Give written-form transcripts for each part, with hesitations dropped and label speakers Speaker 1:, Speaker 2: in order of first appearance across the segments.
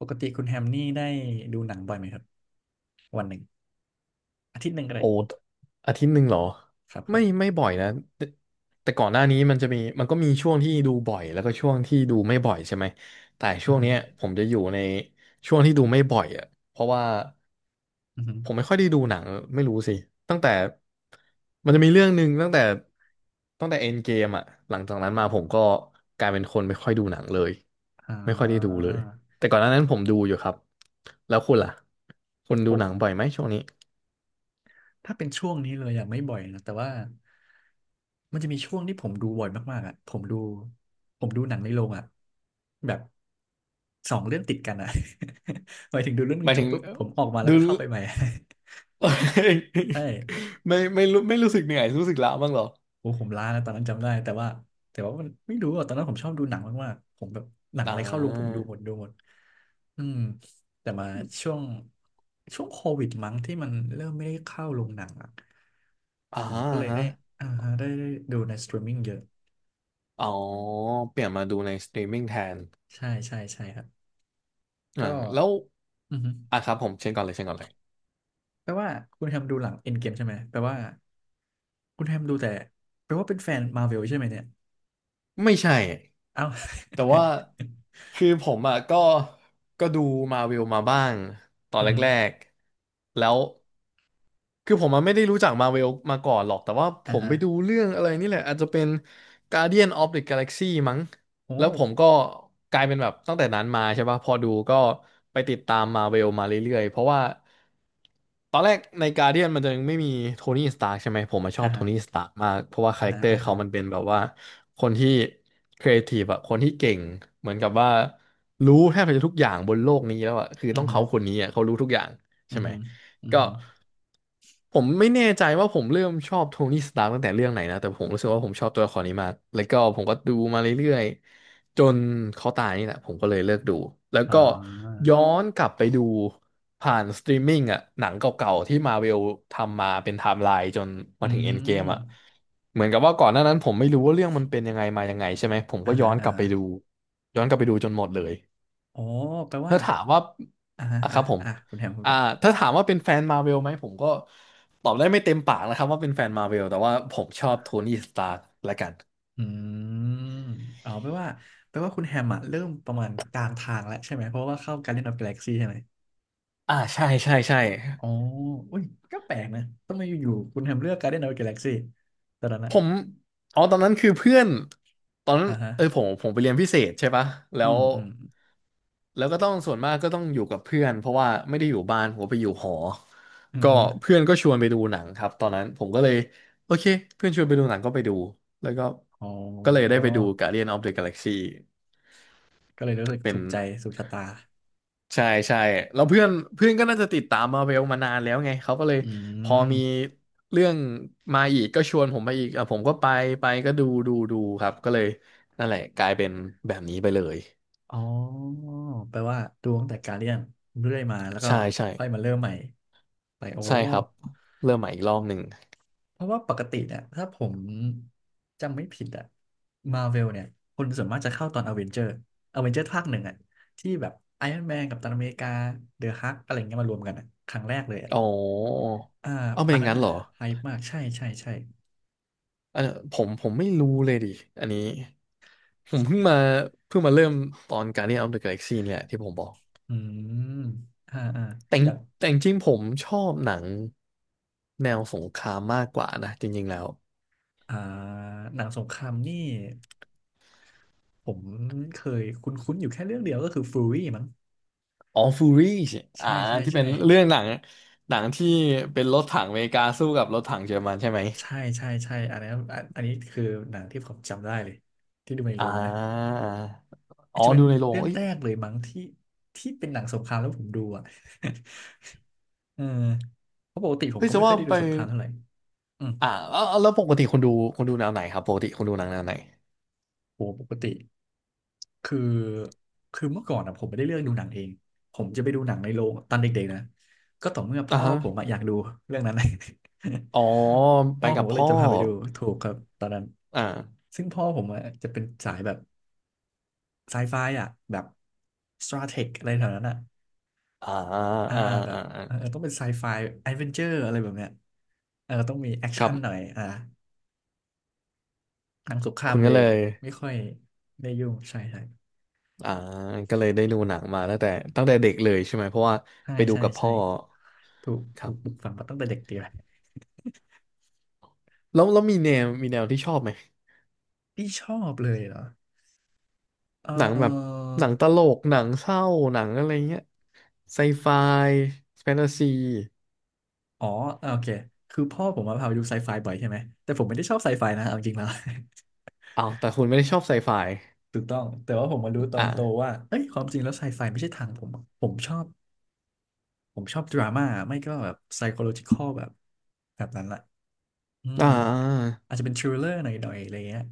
Speaker 1: ปกติคุณแฮมนี่ได้ดูหนังบ่อยไหมครับวันหนึ่งอาทิตย์หนึ่งก็ได้
Speaker 2: โอ้อาทิตย์หนึ่งเหรอ
Speaker 1: ครับค
Speaker 2: ไม่
Speaker 1: รับ
Speaker 2: ไม่บ่อยนะแต่แต่ก่อนหน้านี้มันจะมีมันก็มีช่วงที่ดูบ่อยแล้วก็ช่วงที่ดูไม่บ่อยใช่ไหมแต่
Speaker 1: อื
Speaker 2: ช่
Speaker 1: อ
Speaker 2: วง
Speaker 1: ฮึ
Speaker 2: เนี้ยผมจะอยู่ในช่วงที่ดูไม่บ่อยอ่ะเพราะว่า
Speaker 1: อือฮึ
Speaker 2: ผมไม่ค่อยได้ดูหนังไม่รู้สิตั้งแต่มันจะมีเรื่องหนึ่งตั้งแต่ตั้งแต่เอ็นเกมอ่ะหลังจากนั้นมาผมก็กลายเป็นคนไม่ค่อยดูหนังเลย
Speaker 1: อ่
Speaker 2: ไม่ค่อยได้ดู
Speaker 1: า
Speaker 2: เลยแต่ก่อนหน้านั้นผมดูอยู่ครับแล้วคุณล่ะคุณ
Speaker 1: ผ
Speaker 2: ดู
Speaker 1: ม
Speaker 2: หนังบ่อยไหมช่วงนี้
Speaker 1: ถ้าเป็นช่วงนี้เลยอะไม่บ่อยนะแต่ว่ามันจะมีช่วงที่ผมดูบ่อยมากๆอะผมดูหนังในโรงอะแบบสองเรื่องติดกันอ่ะ หมายถึงดูเรื่องหนึ
Speaker 2: ห
Speaker 1: ง
Speaker 2: มาย
Speaker 1: จ
Speaker 2: ถึ
Speaker 1: บ
Speaker 2: ง
Speaker 1: ปุ๊บผมออกมาแล้ว
Speaker 2: ดู
Speaker 1: ก็เข้าไปใหม่ ใช่
Speaker 2: ไม่ไม่รู้ไม่รู้สึกเหนื่อยรู้สึกล้าบ้างเหรอ
Speaker 1: โอ้ผมล้านะตอนนั้นจำได้แต่ว่ามันไม่รู้อ่ะตอนนั้นผมชอบดูหนังมากๆผมแบบหนัง
Speaker 2: อ่
Speaker 1: อะไรเข้าโรงผมดู
Speaker 2: า
Speaker 1: หมดดูหมดอืมแต่มาช่วงโควิดมั้งที่มันเริ่มไม่ได้เข้าโรงหนังอ่ะ
Speaker 2: อ่า
Speaker 1: ผมก็เลย
Speaker 2: ฮะ
Speaker 1: ได้อ่าได้ดูในสตรีมมิ่งเยอะ
Speaker 2: อ๋อเปลี่ยนมาดูในสตรีมมิ่งแทน
Speaker 1: ใช่ใช่ใช่ครับ
Speaker 2: อ่า
Speaker 1: ก็
Speaker 2: แล้ว
Speaker 1: อือฮึ
Speaker 2: อ่ะครับผมเช่นก่อนเลยเช่นก่อนเลย
Speaker 1: แปลว่าคุณแฮมดูหลังเอ็นเกมใช่ไหมแปลว่าคุณแฮมดูแต่แปลว่าเป็นแฟนมา r v เวลใช่ไหมเนี่ย
Speaker 2: ไม่ใช่
Speaker 1: เอ้า
Speaker 2: แต่ว่า คือผมอ่ะก็ก็ดูมาวิวมาบ้างตอน
Speaker 1: อือ
Speaker 2: แร
Speaker 1: ฮึ
Speaker 2: กๆแล้วคือผมอ่ะไม่ได้รู้จักมาวิวมาก่อนหรอกแต่ว่าผ
Speaker 1: อ่า
Speaker 2: ม
Speaker 1: ฮะ
Speaker 2: ไปดูเรื่องอะไรนี่แหละอาจจะเป็น Guardian of the Galaxy มั้ง
Speaker 1: โอ
Speaker 2: แล้วผม
Speaker 1: ้
Speaker 2: ก็กลายเป็นแบบตั้งแต่นั้นมาใช่ป่ะพอดูก็ไปติดตามมาวิวมาเรื่อยๆเพราะว่าตอนแรกใน Guardian มันจะยังไม่มีโทนี่สตาร์กใช่ไหมผมมาชอ
Speaker 1: อ่า
Speaker 2: บโท
Speaker 1: ฮะ
Speaker 2: นี่สตาร์กมากเพราะว่าคา
Speaker 1: อ่า
Speaker 2: แรค
Speaker 1: ฮะ
Speaker 2: เตอร์
Speaker 1: อ่า
Speaker 2: เขา
Speaker 1: ฮะ
Speaker 2: มันเป็นแบบว่า คนที่ครีเอทีฟอะคนที่เก่งเหมือนกับว่ารู้แทบจะทุกอย่างบนโลกนี้แล้วอะคือ
Speaker 1: อื
Speaker 2: ต้
Speaker 1: อ
Speaker 2: อง
Speaker 1: ฮึ
Speaker 2: เขาคนนี้อะเขารู้ทุกอย่าง
Speaker 1: อื
Speaker 2: ใช่
Speaker 1: อ
Speaker 2: ไหม
Speaker 1: ฮึอือ
Speaker 2: ก็
Speaker 1: ฮึ
Speaker 2: ผมไม่แน่ใจว่าผมเริ่มชอบโทนี่สตาร์ตั้งแต่เรื่องไหนนะแต่ผมรู้สึกว่าผมชอบตัวละครนี้มากแล้วก็ผมก็ดูมาเรื่อยๆจนเขาตายนี่แหละผมก็เลยเลิกดูแล้ว
Speaker 1: อ๋
Speaker 2: ก็
Speaker 1: อ
Speaker 2: ย้อนกลับไปดูผ่านสตรีมมิ่งอ่ะหนังเก่าๆที่มาเวลทำมาเป็นไทม์ไลน์จน
Speaker 1: อื
Speaker 2: มาถึงเอ็นเกมอ่ะ
Speaker 1: ม
Speaker 2: เหมือนกับว่าก่อนหน้านั้นผมไม่รู้ว่าเรื่องมันเป็นยังไงมายังไงใช่ไหมผม
Speaker 1: อ่า
Speaker 2: ก็ย้
Speaker 1: ฮะ
Speaker 2: อน
Speaker 1: อ่า
Speaker 2: กลับ
Speaker 1: ฮะ
Speaker 2: ไปดูย้อนกลับไปดูจนหมดเลย
Speaker 1: โอ้แปลว่า
Speaker 2: ถ้าถามว่า
Speaker 1: อ่าฮะ
Speaker 2: อ่ะค
Speaker 1: อ่า
Speaker 2: รับผม
Speaker 1: อ่าคุณแฮมคุณ
Speaker 2: อ่า
Speaker 1: กัน
Speaker 2: ถ้าถามว่าเป็นแฟนมาเวลไหมผมก็ตอบได้ไม่เต็มปากนะครับว่าเป็นแฟนมาเวลแต่ว่าผมชอบโทนี่สตาร์ละกัน
Speaker 1: อืมอ๋อแปลว่าคุณแฮมอะเริ่มประมาณกลางทางแล้วใช่ไหมเพราะว่าเข้า Guardian of Galaxy ใช่ไหม
Speaker 2: อ่าใช่ใช่ใช่
Speaker 1: อ๋ออุ้ยก็แปลกนะทำไมอยู่ๆคุณแฮมเลือก Guardian of Galaxy ตอนนั้น
Speaker 2: ผ
Speaker 1: อะ
Speaker 2: มอ๋อตอนนั้นคือเพื่อนตอนนั้น
Speaker 1: อ่าฮะ
Speaker 2: เออผมผมไปเรียนพิเศษใช่ปะแล้
Speaker 1: อื
Speaker 2: ว
Speaker 1: มอืม
Speaker 2: แล้วก็ต้องส่วนมากก็ต้องอยู่กับเพื่อนเพราะว่าไม่ได้อยู่บ้านผมไปอยู่หอ
Speaker 1: อืม
Speaker 2: ก็
Speaker 1: อม
Speaker 2: เพื่อนก็ชวนไปดูหนังครับตอนนั้นผมก็เลย โอเคเพื่อนชวนไปดูหนังก็ไปดูแล้วก็
Speaker 1: อ๋อ
Speaker 2: ก็เลยได้ไปดู Guardian of the Galaxy
Speaker 1: ก็เลยรู้สึก
Speaker 2: เป็
Speaker 1: ถู
Speaker 2: น
Speaker 1: กใจสุขชะตา
Speaker 2: ใช่ใช่แล้วเพื่อนเพื่อนก็น่าจะติดตามมาเวลมานานแล้วไงเขาก็เลย
Speaker 1: อื
Speaker 2: พอมี
Speaker 1: ม
Speaker 2: เรื่องมาอีกก็ชวนผมมาอีกอ่ะผมก็ไปไปก็ดูดูดูครับก็เลยนั่นแหละกลายเป็นแบบนี้ไปเลย
Speaker 1: อ๋อแปลว่าดูตั้งแต่การเรียนเรื่อยมาแล้วก็
Speaker 2: ใช่ใช่
Speaker 1: ค่อยมาเริ่มใหม่ไปโอ้
Speaker 2: ใช่ครับเริ่มใหม่อีกรอบหนึ่ง
Speaker 1: เพราะว่าปกติเนี่ยถ้าผมจำไม่ผิดอะมาเวลเนี่ยคนส่วนมากจะเข้าตอนอเวนเจอร์อเวนเจอร์ภาคหนึ่งอะที่แบบไอรอนแมนกับตันอเมริกาเดอะฮักอะไรเงี้ยมารวมกันอะครั้งแรกเลยอะ
Speaker 2: อ๋อ
Speaker 1: อ่า
Speaker 2: เอาเป็
Speaker 1: อั
Speaker 2: นอ
Speaker 1: น
Speaker 2: ย่าง
Speaker 1: นั้น
Speaker 2: นั้น
Speaker 1: อะ
Speaker 2: เหรอ
Speaker 1: ไฮป์มากใช่ใช่ใช่
Speaker 2: อันเนี้ยผมผมไม่รู้เลยดิอันนี้ผมเพิ่งมาเพิ่งมาเริ่มตอน Guardian of the Galaxy เนี่ยที่ผมบอก
Speaker 1: อืมอ่าอ่า
Speaker 2: แต่ง
Speaker 1: อยาก
Speaker 2: จริงๆผมชอบหนังแนวสงครามมากกว่านะจริงๆแล้ว
Speaker 1: อ่าหนังสงครามนี่ผมเคยคุ้นๆอยู่แค่เรื่องเดียวก็คือฟูรี่มั้ง
Speaker 2: All Furies อ่า
Speaker 1: ใช่ใช่
Speaker 2: ที่เป็น
Speaker 1: ใช่
Speaker 2: เรื่องหนังหนังที่เป็นรถถังอเมริกาสู้กับรถถังเยอรมันใช่ไหม
Speaker 1: ใช่ใช่ใช่อันนี้อันอันนี้คือหนังที่ผมจำได้เลยที่ดูใน
Speaker 2: อ่
Speaker 1: โรงนะ
Speaker 2: า
Speaker 1: อาจ
Speaker 2: อ๋อ
Speaker 1: จะเป็น
Speaker 2: ดูในโรง
Speaker 1: เรื่อง
Speaker 2: เอ้ย
Speaker 1: แรกเลยมั้งที่เป็นหนังสงครามแล้วผมดูอ่ะ เออเพราะปกติผม
Speaker 2: เฮ้ย
Speaker 1: ก็
Speaker 2: จะ
Speaker 1: ไม่ค่อ
Speaker 2: ว่า
Speaker 1: ยได้ดู
Speaker 2: ไป
Speaker 1: สงครามเท่าไหร่อืม
Speaker 2: อ่าแล้วปกติคุณดูคุณดูแนวไหนครับปกติคุณดูหนังแนวไหน
Speaker 1: โอ้ปกติคือเมื่อก่อนอะผมไม่ได้เลือกดูหนังเองผมจะไปดูหนังในโรงตอนเด็กๆนะก็ต่อเมื่อ
Speaker 2: อ่า
Speaker 1: พ่อ
Speaker 2: ฮะ
Speaker 1: ผมอะอยากดูเรื่องนั้น
Speaker 2: อ๋อ ไป
Speaker 1: พ่อผ
Speaker 2: กั
Speaker 1: ม
Speaker 2: บ
Speaker 1: ก็เลย
Speaker 2: พ่อ
Speaker 1: จะพาไปดูถูกครับตอนนั้น
Speaker 2: อ่า
Speaker 1: ซึ่งพ่อผมอะจะเป็นสายแบบไซไฟอ่ะแบบสตราเทคอะไรแถวนั้นอ่ะ
Speaker 2: อ่าอ่า
Speaker 1: อ่า
Speaker 2: อ่า
Speaker 1: แบ
Speaker 2: อ่
Speaker 1: บเออ
Speaker 2: า
Speaker 1: ต้องเป็นไซไฟแอดเวนเจอร์อะไรแบบเนี้ยเออต้องมีแอค
Speaker 2: ครั
Speaker 1: ชั่นหน่อ
Speaker 2: บ
Speaker 1: ยอ่าหนังสงครา
Speaker 2: คุ
Speaker 1: ม
Speaker 2: ณ
Speaker 1: เล
Speaker 2: ก็
Speaker 1: ย
Speaker 2: เลย
Speaker 1: ไม่ค่อยได้ยุ่งใช่ใช่
Speaker 2: อ่าก็เลยได้ดูหนังมาตั้งแต่ตั้งแต่เด็กเลยใช่ไหมเพราะว่า
Speaker 1: ใช่
Speaker 2: ไปดู
Speaker 1: ใช่
Speaker 2: กับ
Speaker 1: ใช่
Speaker 2: พ่อ
Speaker 1: ถูก
Speaker 2: ครับ
Speaker 1: ปลูกฝังมาตั้งแต่เด็กดีเลย
Speaker 2: แล้วมีแนวมีแนวที่ชอบไหม
Speaker 1: ที่ชอบเลยเหรอเ
Speaker 2: หนังแบบ
Speaker 1: ออ
Speaker 2: หนังตลกหนังเศร้าหนังอะไรเงี้ยไซไฟแฟนตาซี
Speaker 1: อ๋ออ่าโอเค คือพ่อผมมาพาไปดูไซไฟบ่อยใช่ไหม แต่ผมไม่ได้ชอบไซไฟนะเอาจริงแล้ว
Speaker 2: อ้าวแต่คุณไม่ได้ชอบไซไฟ
Speaker 1: ถูกต้องแต่ว่าผมมารู้ตอ
Speaker 2: อ่า
Speaker 1: นโตว่าเอ้ยความจริงแล้วไซไฟไม่ใช่ทางผมผมชอบดราม่า ไม่ก็แบบไซโคโลจิคอลแบบนั้นแหละอืม
Speaker 2: อ่า
Speaker 1: อาจจะเป็นทริลเลอร์หน่อยๆอะไรเงี้ย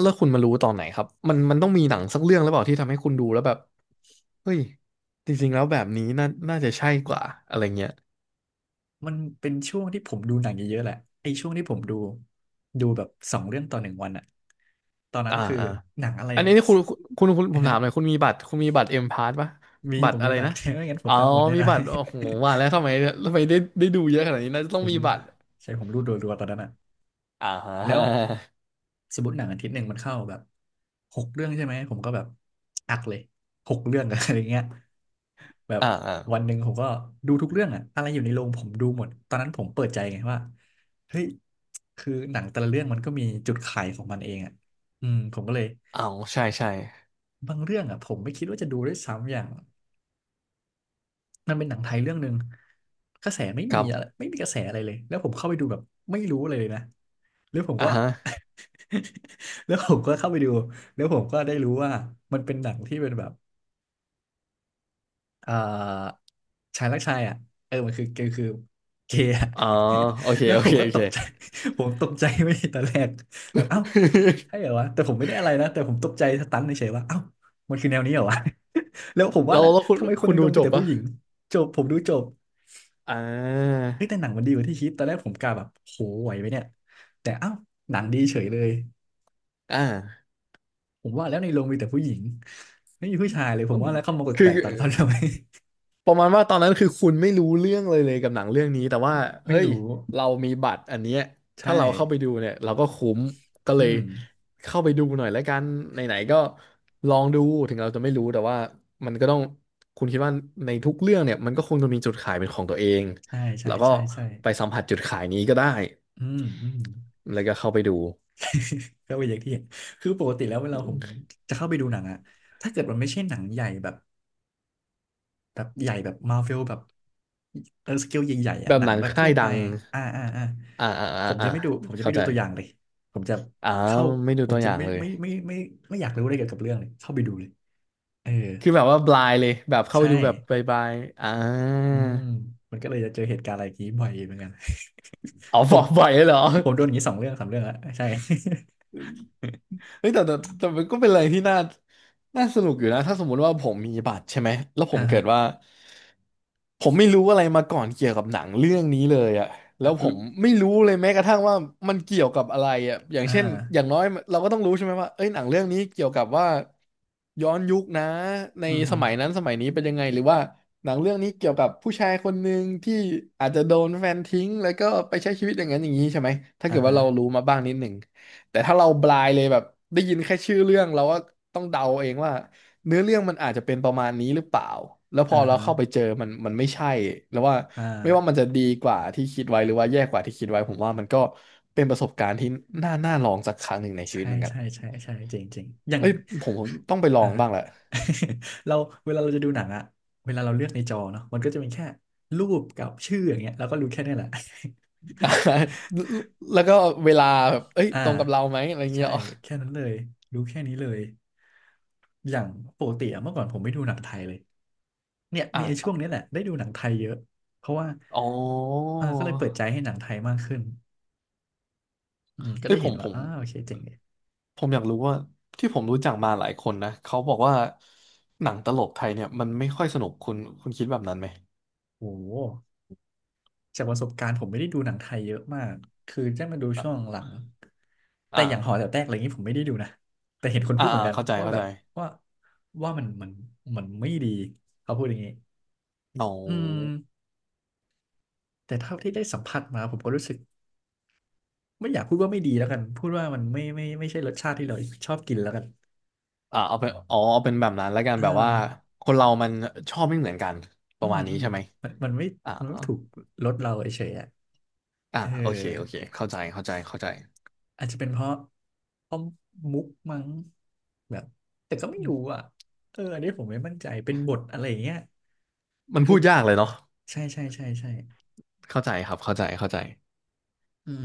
Speaker 2: แล้วคุณมารู้ตอนไหนครับมันมันต้องมีหนังสักเรื่องหรือเปล่าที่ทำให้คุณดูแล้วแบบเฮ้ยจริงๆแล้วแบบนี้น่าน่าจะใช่กว่าอะไรเงี้ย
Speaker 1: มันเป็นช่วงที่ผมดูหนังเยอะๆแหละไอ้ช่วงที่ผมดูแบบสองเรื่องต่อหนึ่งวันอะตอนนั้
Speaker 2: อ่า
Speaker 1: นคือหนังอะไร
Speaker 2: อัน
Speaker 1: อะ
Speaker 2: นี้นี่คุณคุณคุณผมถา
Speaker 1: ฮะ
Speaker 2: มหน่อยคุณมีบัตรคุณมีบัตรเอ็มพาสป่ะ
Speaker 1: มี
Speaker 2: บัต
Speaker 1: ผ
Speaker 2: ร
Speaker 1: ม
Speaker 2: อะ
Speaker 1: มี
Speaker 2: ไร
Speaker 1: บัต
Speaker 2: นะ
Speaker 1: ร ไม่งั้นผ
Speaker 2: อ๋
Speaker 1: ม
Speaker 2: อ
Speaker 1: ตามหมดแน่
Speaker 2: มี
Speaker 1: นอน
Speaker 2: บัตรโอ้โหว่าแล้วทำไมทำไมได้ได้ดูเยอะขนาดนี้น่าจะ ต้อ
Speaker 1: ผ
Speaker 2: ง
Speaker 1: ม
Speaker 2: มีบัตร
Speaker 1: ใช่ผมรูดรัวๆตอนนั้นอะ
Speaker 2: อ่าฮ
Speaker 1: แล้ว
Speaker 2: ะ
Speaker 1: สมมติหนังอาทิตย์หนึ่งมันเข้าแบบหกเรื่องใช่ไหมผมก็แบบอักเลยหกเรื่อง อะไรเงี้ย แบบ
Speaker 2: อ่าอ่า
Speaker 1: วันหนึ่งผมก็ดูทุกเรื่องอะอะไรอยู่ในโรงผมดูหมดตอนนั้นผมเปิดใจไงว่าเฮ้ยคือหนังแต่ละเรื่องมันก็มีจุดขายของมันเองอะอืมผมก็เลย
Speaker 2: เอาใช่ใช่
Speaker 1: บางเรื่องอะผมไม่คิดว่าจะดูด้วยซ้ำอย่างมันเป็นหนังไทยเรื่องหนึ่งกระแสไม่
Speaker 2: ค
Speaker 1: มี
Speaker 2: รั
Speaker 1: อะไร
Speaker 2: บ
Speaker 1: ไม่มีกระแสอะไรเลยแล้วผมเข้าไปดูแบบไม่รู้อะไรเลยนะแล้วผม
Speaker 2: อ่า
Speaker 1: ก็
Speaker 2: ฮะ
Speaker 1: แล้วผมก็เข้าไปดูแล้วผมก็ได้รู้ว่ามันเป็นหนังที่เป็นแบบเอ่อชายรักชายอ่ะเออมันคือเกอคือเกย์อะ
Speaker 2: อ๋อโอเค
Speaker 1: แล้ว
Speaker 2: โอ
Speaker 1: ผม
Speaker 2: เค
Speaker 1: ก็
Speaker 2: โอ
Speaker 1: ต
Speaker 2: เค
Speaker 1: กใจ ผมตกใจไม่ใช่ตอนแรกแบบเอ้าใช่เหรอวะแต่ผมไม่ได้อะไรนะแต่ผมตกใจสตันเฉยๆว่าเอ้ามันคือแนวนี้เหรอวะ แล้วผม ว่า
Speaker 2: เรา
Speaker 1: แห
Speaker 2: แล้
Speaker 1: ละ
Speaker 2: วคุณ
Speaker 1: ทำไมคน
Speaker 2: คุ
Speaker 1: ใน
Speaker 2: ณ
Speaker 1: โร
Speaker 2: ดู
Speaker 1: ง
Speaker 2: จ
Speaker 1: มี
Speaker 2: บ
Speaker 1: แต่ผู้
Speaker 2: ป่ะ
Speaker 1: หญิงจบผมดูจบ
Speaker 2: อ่า
Speaker 1: เฮ้ยแต่หนังมันดีกว่าที่คิดตอนแรกผมกะแบบโหไหวไหมเนี่ยแต่เอ้าหนังดีเฉยเลย
Speaker 2: อ่า
Speaker 1: ผมว่าแล้วในโรงมีแต่ผู้หญิงไม่มีผู้ชายเลยผมว่าแล้วเขามากดแป
Speaker 2: คื
Speaker 1: ล
Speaker 2: อ
Speaker 1: กๆตอนเขาทำไม
Speaker 2: ประมาณว่าตอนนั้นคือคุณไม่รู้เรื่องเลยกับหนังเรื่องนี้แต่ว่า
Speaker 1: ไม่
Speaker 2: เฮ้ย
Speaker 1: รู้
Speaker 2: เรามีบัตรอันเนี้ย
Speaker 1: ใช่
Speaker 2: ถ้าเราเข้าไปดูเนี่ยเราก็คุ้มก็
Speaker 1: อื
Speaker 2: เลย
Speaker 1: ม
Speaker 2: เข้าไปดูหน่อยแล้วกันไหนๆก็ลองดูถึงเราจะไม่รู้แต่ว่ามันก็ต้องคุณคิดว่าในทุกเรื่องเนี่ยมันก็คงจะมีจุดขายเป็นของตัวเอง
Speaker 1: ใช่ใช่
Speaker 2: แล้วก็
Speaker 1: ใช่ใช่
Speaker 2: ไปสัมผัสจุดขายนี้ก็ได้
Speaker 1: อืมอืม
Speaker 2: แล้วก็เข้าไปดู
Speaker 1: ก็เป็นอย่างที่เห็นคือปกติแล้วเวลาผมจะเข้าไปดูหนังอะถ้าเกิดมันไม่ใช่หนังใหญ่แบบใหญ่แบบมาร์เวลแบบเออสเกลใหญ่ๆอะ
Speaker 2: แบบ
Speaker 1: หนั
Speaker 2: ห
Speaker 1: ง
Speaker 2: นัง
Speaker 1: แบบ
Speaker 2: ค่า
Speaker 1: ทั่
Speaker 2: ย
Speaker 1: วไป
Speaker 2: ดัง
Speaker 1: อ่าอ่าอ่า
Speaker 2: อ่าอ่า
Speaker 1: ผ
Speaker 2: อ่า
Speaker 1: ม
Speaker 2: อ่า
Speaker 1: จะไม่ดูผมจะ
Speaker 2: เข้า
Speaker 1: ไม่ดู
Speaker 2: ใจ
Speaker 1: ตัวอย่างเลยผมจะ
Speaker 2: อ่า
Speaker 1: เข้า
Speaker 2: ไม่ดู
Speaker 1: ผม
Speaker 2: ตัวอ
Speaker 1: จะ
Speaker 2: ย่าง
Speaker 1: ไม่
Speaker 2: เลย
Speaker 1: ไม่ไม่ไม่ไม่ไม่อยากรู้อะไรเกี่ยวกับเรื่องเลยเข้าไปดูเลยเออ
Speaker 2: คือแบบว่าบลายเลยแบบเข้าไป
Speaker 1: ใช่
Speaker 2: ดูแบบบายบายอ่า
Speaker 1: อืมมันก็เลยจะเจอเหตุการณ์อะไรอย่างนี้บ่อยเหมือนกัน
Speaker 2: อ๋อ
Speaker 1: ผ
Speaker 2: บอ
Speaker 1: ม
Speaker 2: กบ่อยเลยเหรอ
Speaker 1: ผมโดนอย่างนี้สองเรื่องสามเรื่องอะใช่
Speaker 2: เฮ้ยแต่มันก็เป็นอะไรที่น่าสนุกอยู่นะถ้าสมมุติว่าผมมีบัตรใช่ไหมแล้ว ผ
Speaker 1: อ่า
Speaker 2: มเกิ
Speaker 1: ฮะ
Speaker 2: ดว่าผมไม่รู้อะไรมาก่อนเกี่ยวกับหนังเรื่องนี้เลยอะแล้
Speaker 1: อ่ะ
Speaker 2: วผ
Speaker 1: ลุ
Speaker 2: มไม่รู้เลยแม้กระทั่งว่ามันเกี่ยวกับอะไรอะอย่าง
Speaker 1: อ่า
Speaker 2: เช่นอย่างน้อยเราก็ต้องรู้ใช่ไหมว่าเอ้ยหนังเรื่องนี้เกี่ยวกับว่าย้อนยุคนะใน
Speaker 1: อือฮึ
Speaker 2: สมัยนั้นสมัยนี้เป็นยังไงหรือว่าหนังเรื่องนี้เกี่ยวกับผู้ชายคนหนึ่งที่อาจจะโดนแฟนทิ้งแล้วก็ไปใช้ชีวิตอย่างนั้นอย่างนี้ใช่ไหมถ้า
Speaker 1: อ่า
Speaker 2: เกิดว่า
Speaker 1: ฮะ
Speaker 2: เรารู้มาบ้างนิดหนึ่ง แต่ถ้าเราบลายเลยแบบได้ยินแค่ชื่อเรื่องเราก็ต้องเดาเองว่าเนื้อเรื่องมันอาจจะเป็นประมาณนี้หรือเปล่าแล้วพ
Speaker 1: อ่า
Speaker 2: อเรา
Speaker 1: ฮะ
Speaker 2: เข้าไปเจอมันมันไม่ใช่แล้วว่า
Speaker 1: อ่
Speaker 2: ไม่ว่ามัน
Speaker 1: า
Speaker 2: จะดีกว่าที่คิดไว้หรือว่าแย่กว่าที่คิดไว้ผมว่ามันก็เป็นประสบการณ์ที่น่าลองสักครั้งหนึ่งในชีวิต
Speaker 1: ใช่
Speaker 2: เหมือนกัน
Speaker 1: ใช่ใช่ใช่จริงจริงอย่าง
Speaker 2: เอ้ยผมต้องไปลอ
Speaker 1: อ่า
Speaker 2: งบ้างแหละ
Speaker 1: เราเวลาเราจะดูหนังอะเวลาเราเลือกในจอเนาะมันก็จะมีแค่รูปกับชื่ออย่างเงี้ยเราก็รู้แค่นี้แหละ
Speaker 2: แล้วก็เวลาแบบเอ้ย
Speaker 1: อ่า
Speaker 2: ตรงกับเราไหมอะไรเงี้
Speaker 1: ใช่
Speaker 2: ยอ๋อ
Speaker 1: แค่นั้นเลยรู้แค่นี้เลยอย่างปกติอะเมื่อก่อนผมไม่ดูหนังไทยเลยเนี่ย
Speaker 2: อ่
Speaker 1: มีไอ้ช่วง
Speaker 2: ะ
Speaker 1: นี้แหละได้ดูหนังไทยเยอะเพราะว่า
Speaker 2: อ๋อ
Speaker 1: เออก็เลยเปิดใจให้หนังไทยมากขึ้นอืมก็
Speaker 2: เอ้
Speaker 1: ได้
Speaker 2: ยผ
Speaker 1: เห็น
Speaker 2: มผ
Speaker 1: ว่า
Speaker 2: ม
Speaker 1: อ้าวโอเคเจ๋งเลย
Speaker 2: ผมอยากรู้ว่าที่ผมรู้จักมาหลายคนนะเขาบอกว่าหนังตลกไทยเนี่ยมันไม่ค่อยสนุกคุณคุณคิดแบบนั้นไหม
Speaker 1: โอ้โหจากประสบการณ์ผมไม่ได้ดูหนังไทยเยอะมากคือได้มาดูช่วงหลัง
Speaker 2: อ่ะ
Speaker 1: แต่
Speaker 2: อ่า
Speaker 1: อย่างหอแต๋วแตกอะไรอย่างนี้ผมไม่ได้ดูนะแต่เห็นคนพู
Speaker 2: อ่า
Speaker 1: ดเหมื
Speaker 2: อ่า
Speaker 1: อนกัน
Speaker 2: เข้าใจ
Speaker 1: ว่า
Speaker 2: เข้า
Speaker 1: แบ
Speaker 2: ใจ
Speaker 1: บว่าว่ามันมันไม่ดีเขาพูดอย่างนี้
Speaker 2: เอ
Speaker 1: อืม
Speaker 2: า
Speaker 1: แต่เท่าที่ได้สัมผัสมาผมก็รู้สึกไม่อยากพูดว่าไม่ดีแล้วกันพูดว่ามันไม่ไม่ใช่รสชาติที่เราชอบกินแล้วกัน
Speaker 2: อ่าเอาเป็นอ๋อเอาเป็นแบบนั้นแล้วกัน
Speaker 1: อ่า
Speaker 2: แบบ
Speaker 1: มั
Speaker 2: ว่า
Speaker 1: น
Speaker 2: คนเรามันชอบไม่เหมือนกันป
Speaker 1: อื
Speaker 2: ระ
Speaker 1: ม
Speaker 2: มาณ
Speaker 1: อื
Speaker 2: นี้
Speaker 1: ม
Speaker 2: ใช่ไหม
Speaker 1: มันไม่
Speaker 2: อ่า
Speaker 1: มันไม่ถูกรสเราเฉยๆอ่ะ
Speaker 2: อ่า
Speaker 1: เออ
Speaker 2: โอเคโอเคเข้าใจเข้าใจเข้าใจ
Speaker 1: อาจจะเป็นเพราะเพราะมุกมั้งแบบแต่ก็ไม่รู้อ่ะเอออันนี้ผมไม่มั่นใจเป็นบทอะไรอย่างเงี้ย
Speaker 2: มัน
Speaker 1: คื
Speaker 2: พู
Speaker 1: อ
Speaker 2: ดยากเลยเนาะ
Speaker 1: ใช่ใช่ใช่ใช่
Speaker 2: เข้าใจครับเข้าใจเข้าใจ
Speaker 1: อืม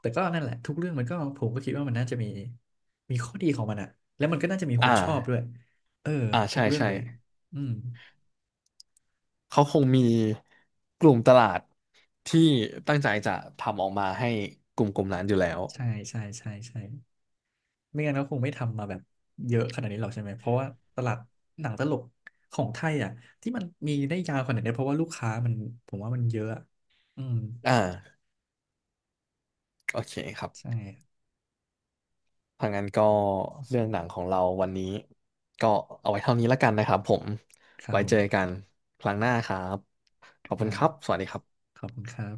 Speaker 1: แต่ก็นั่นแหละทุกเรื่องมันก็ผมก็คิดว่ามันน่าจะมีมีข้อดีของมันอะแล้วมันก็น่าจะมีค
Speaker 2: อ่
Speaker 1: นชอบด้วย
Speaker 2: า
Speaker 1: เออ
Speaker 2: อ่า
Speaker 1: ทุก
Speaker 2: ใช่
Speaker 1: เรื่อง
Speaker 2: ใช่
Speaker 1: เลยอืม
Speaker 2: เขาคงมีกลุ่มตลาดที่ตั้งใจจะทำออกมาให้กลุ่มกลุ่มนั้นอยู่แล้ว
Speaker 1: ใช่ใช่ใช่ใช่ไม่งั้นก็คงไม่ทำมาแบบเยอะขนาดนี้หรอกใช่ไหมเพราะว่าตลาดหนังตลกของไทยอ่ะที่มันมีได้ยาวขนาดนี้เพราะว่าลูกค้ามันผมว่ามันเยอะอะอืม
Speaker 2: อ่าโอเคครับ
Speaker 1: ใช่
Speaker 2: ถ้างั้นก็เรื่องหนังของเราวันนี้ก็เอาไว้เท่านี้แล้วกันนะครับผม
Speaker 1: ครับ
Speaker 2: ไว้
Speaker 1: ผ
Speaker 2: เจอ
Speaker 1: ม
Speaker 2: กันครั้งหน้าครับ ขอบคุณค
Speaker 1: อ่า
Speaker 2: รับ สวัสดีครับ
Speaker 1: ขอบคุณครับ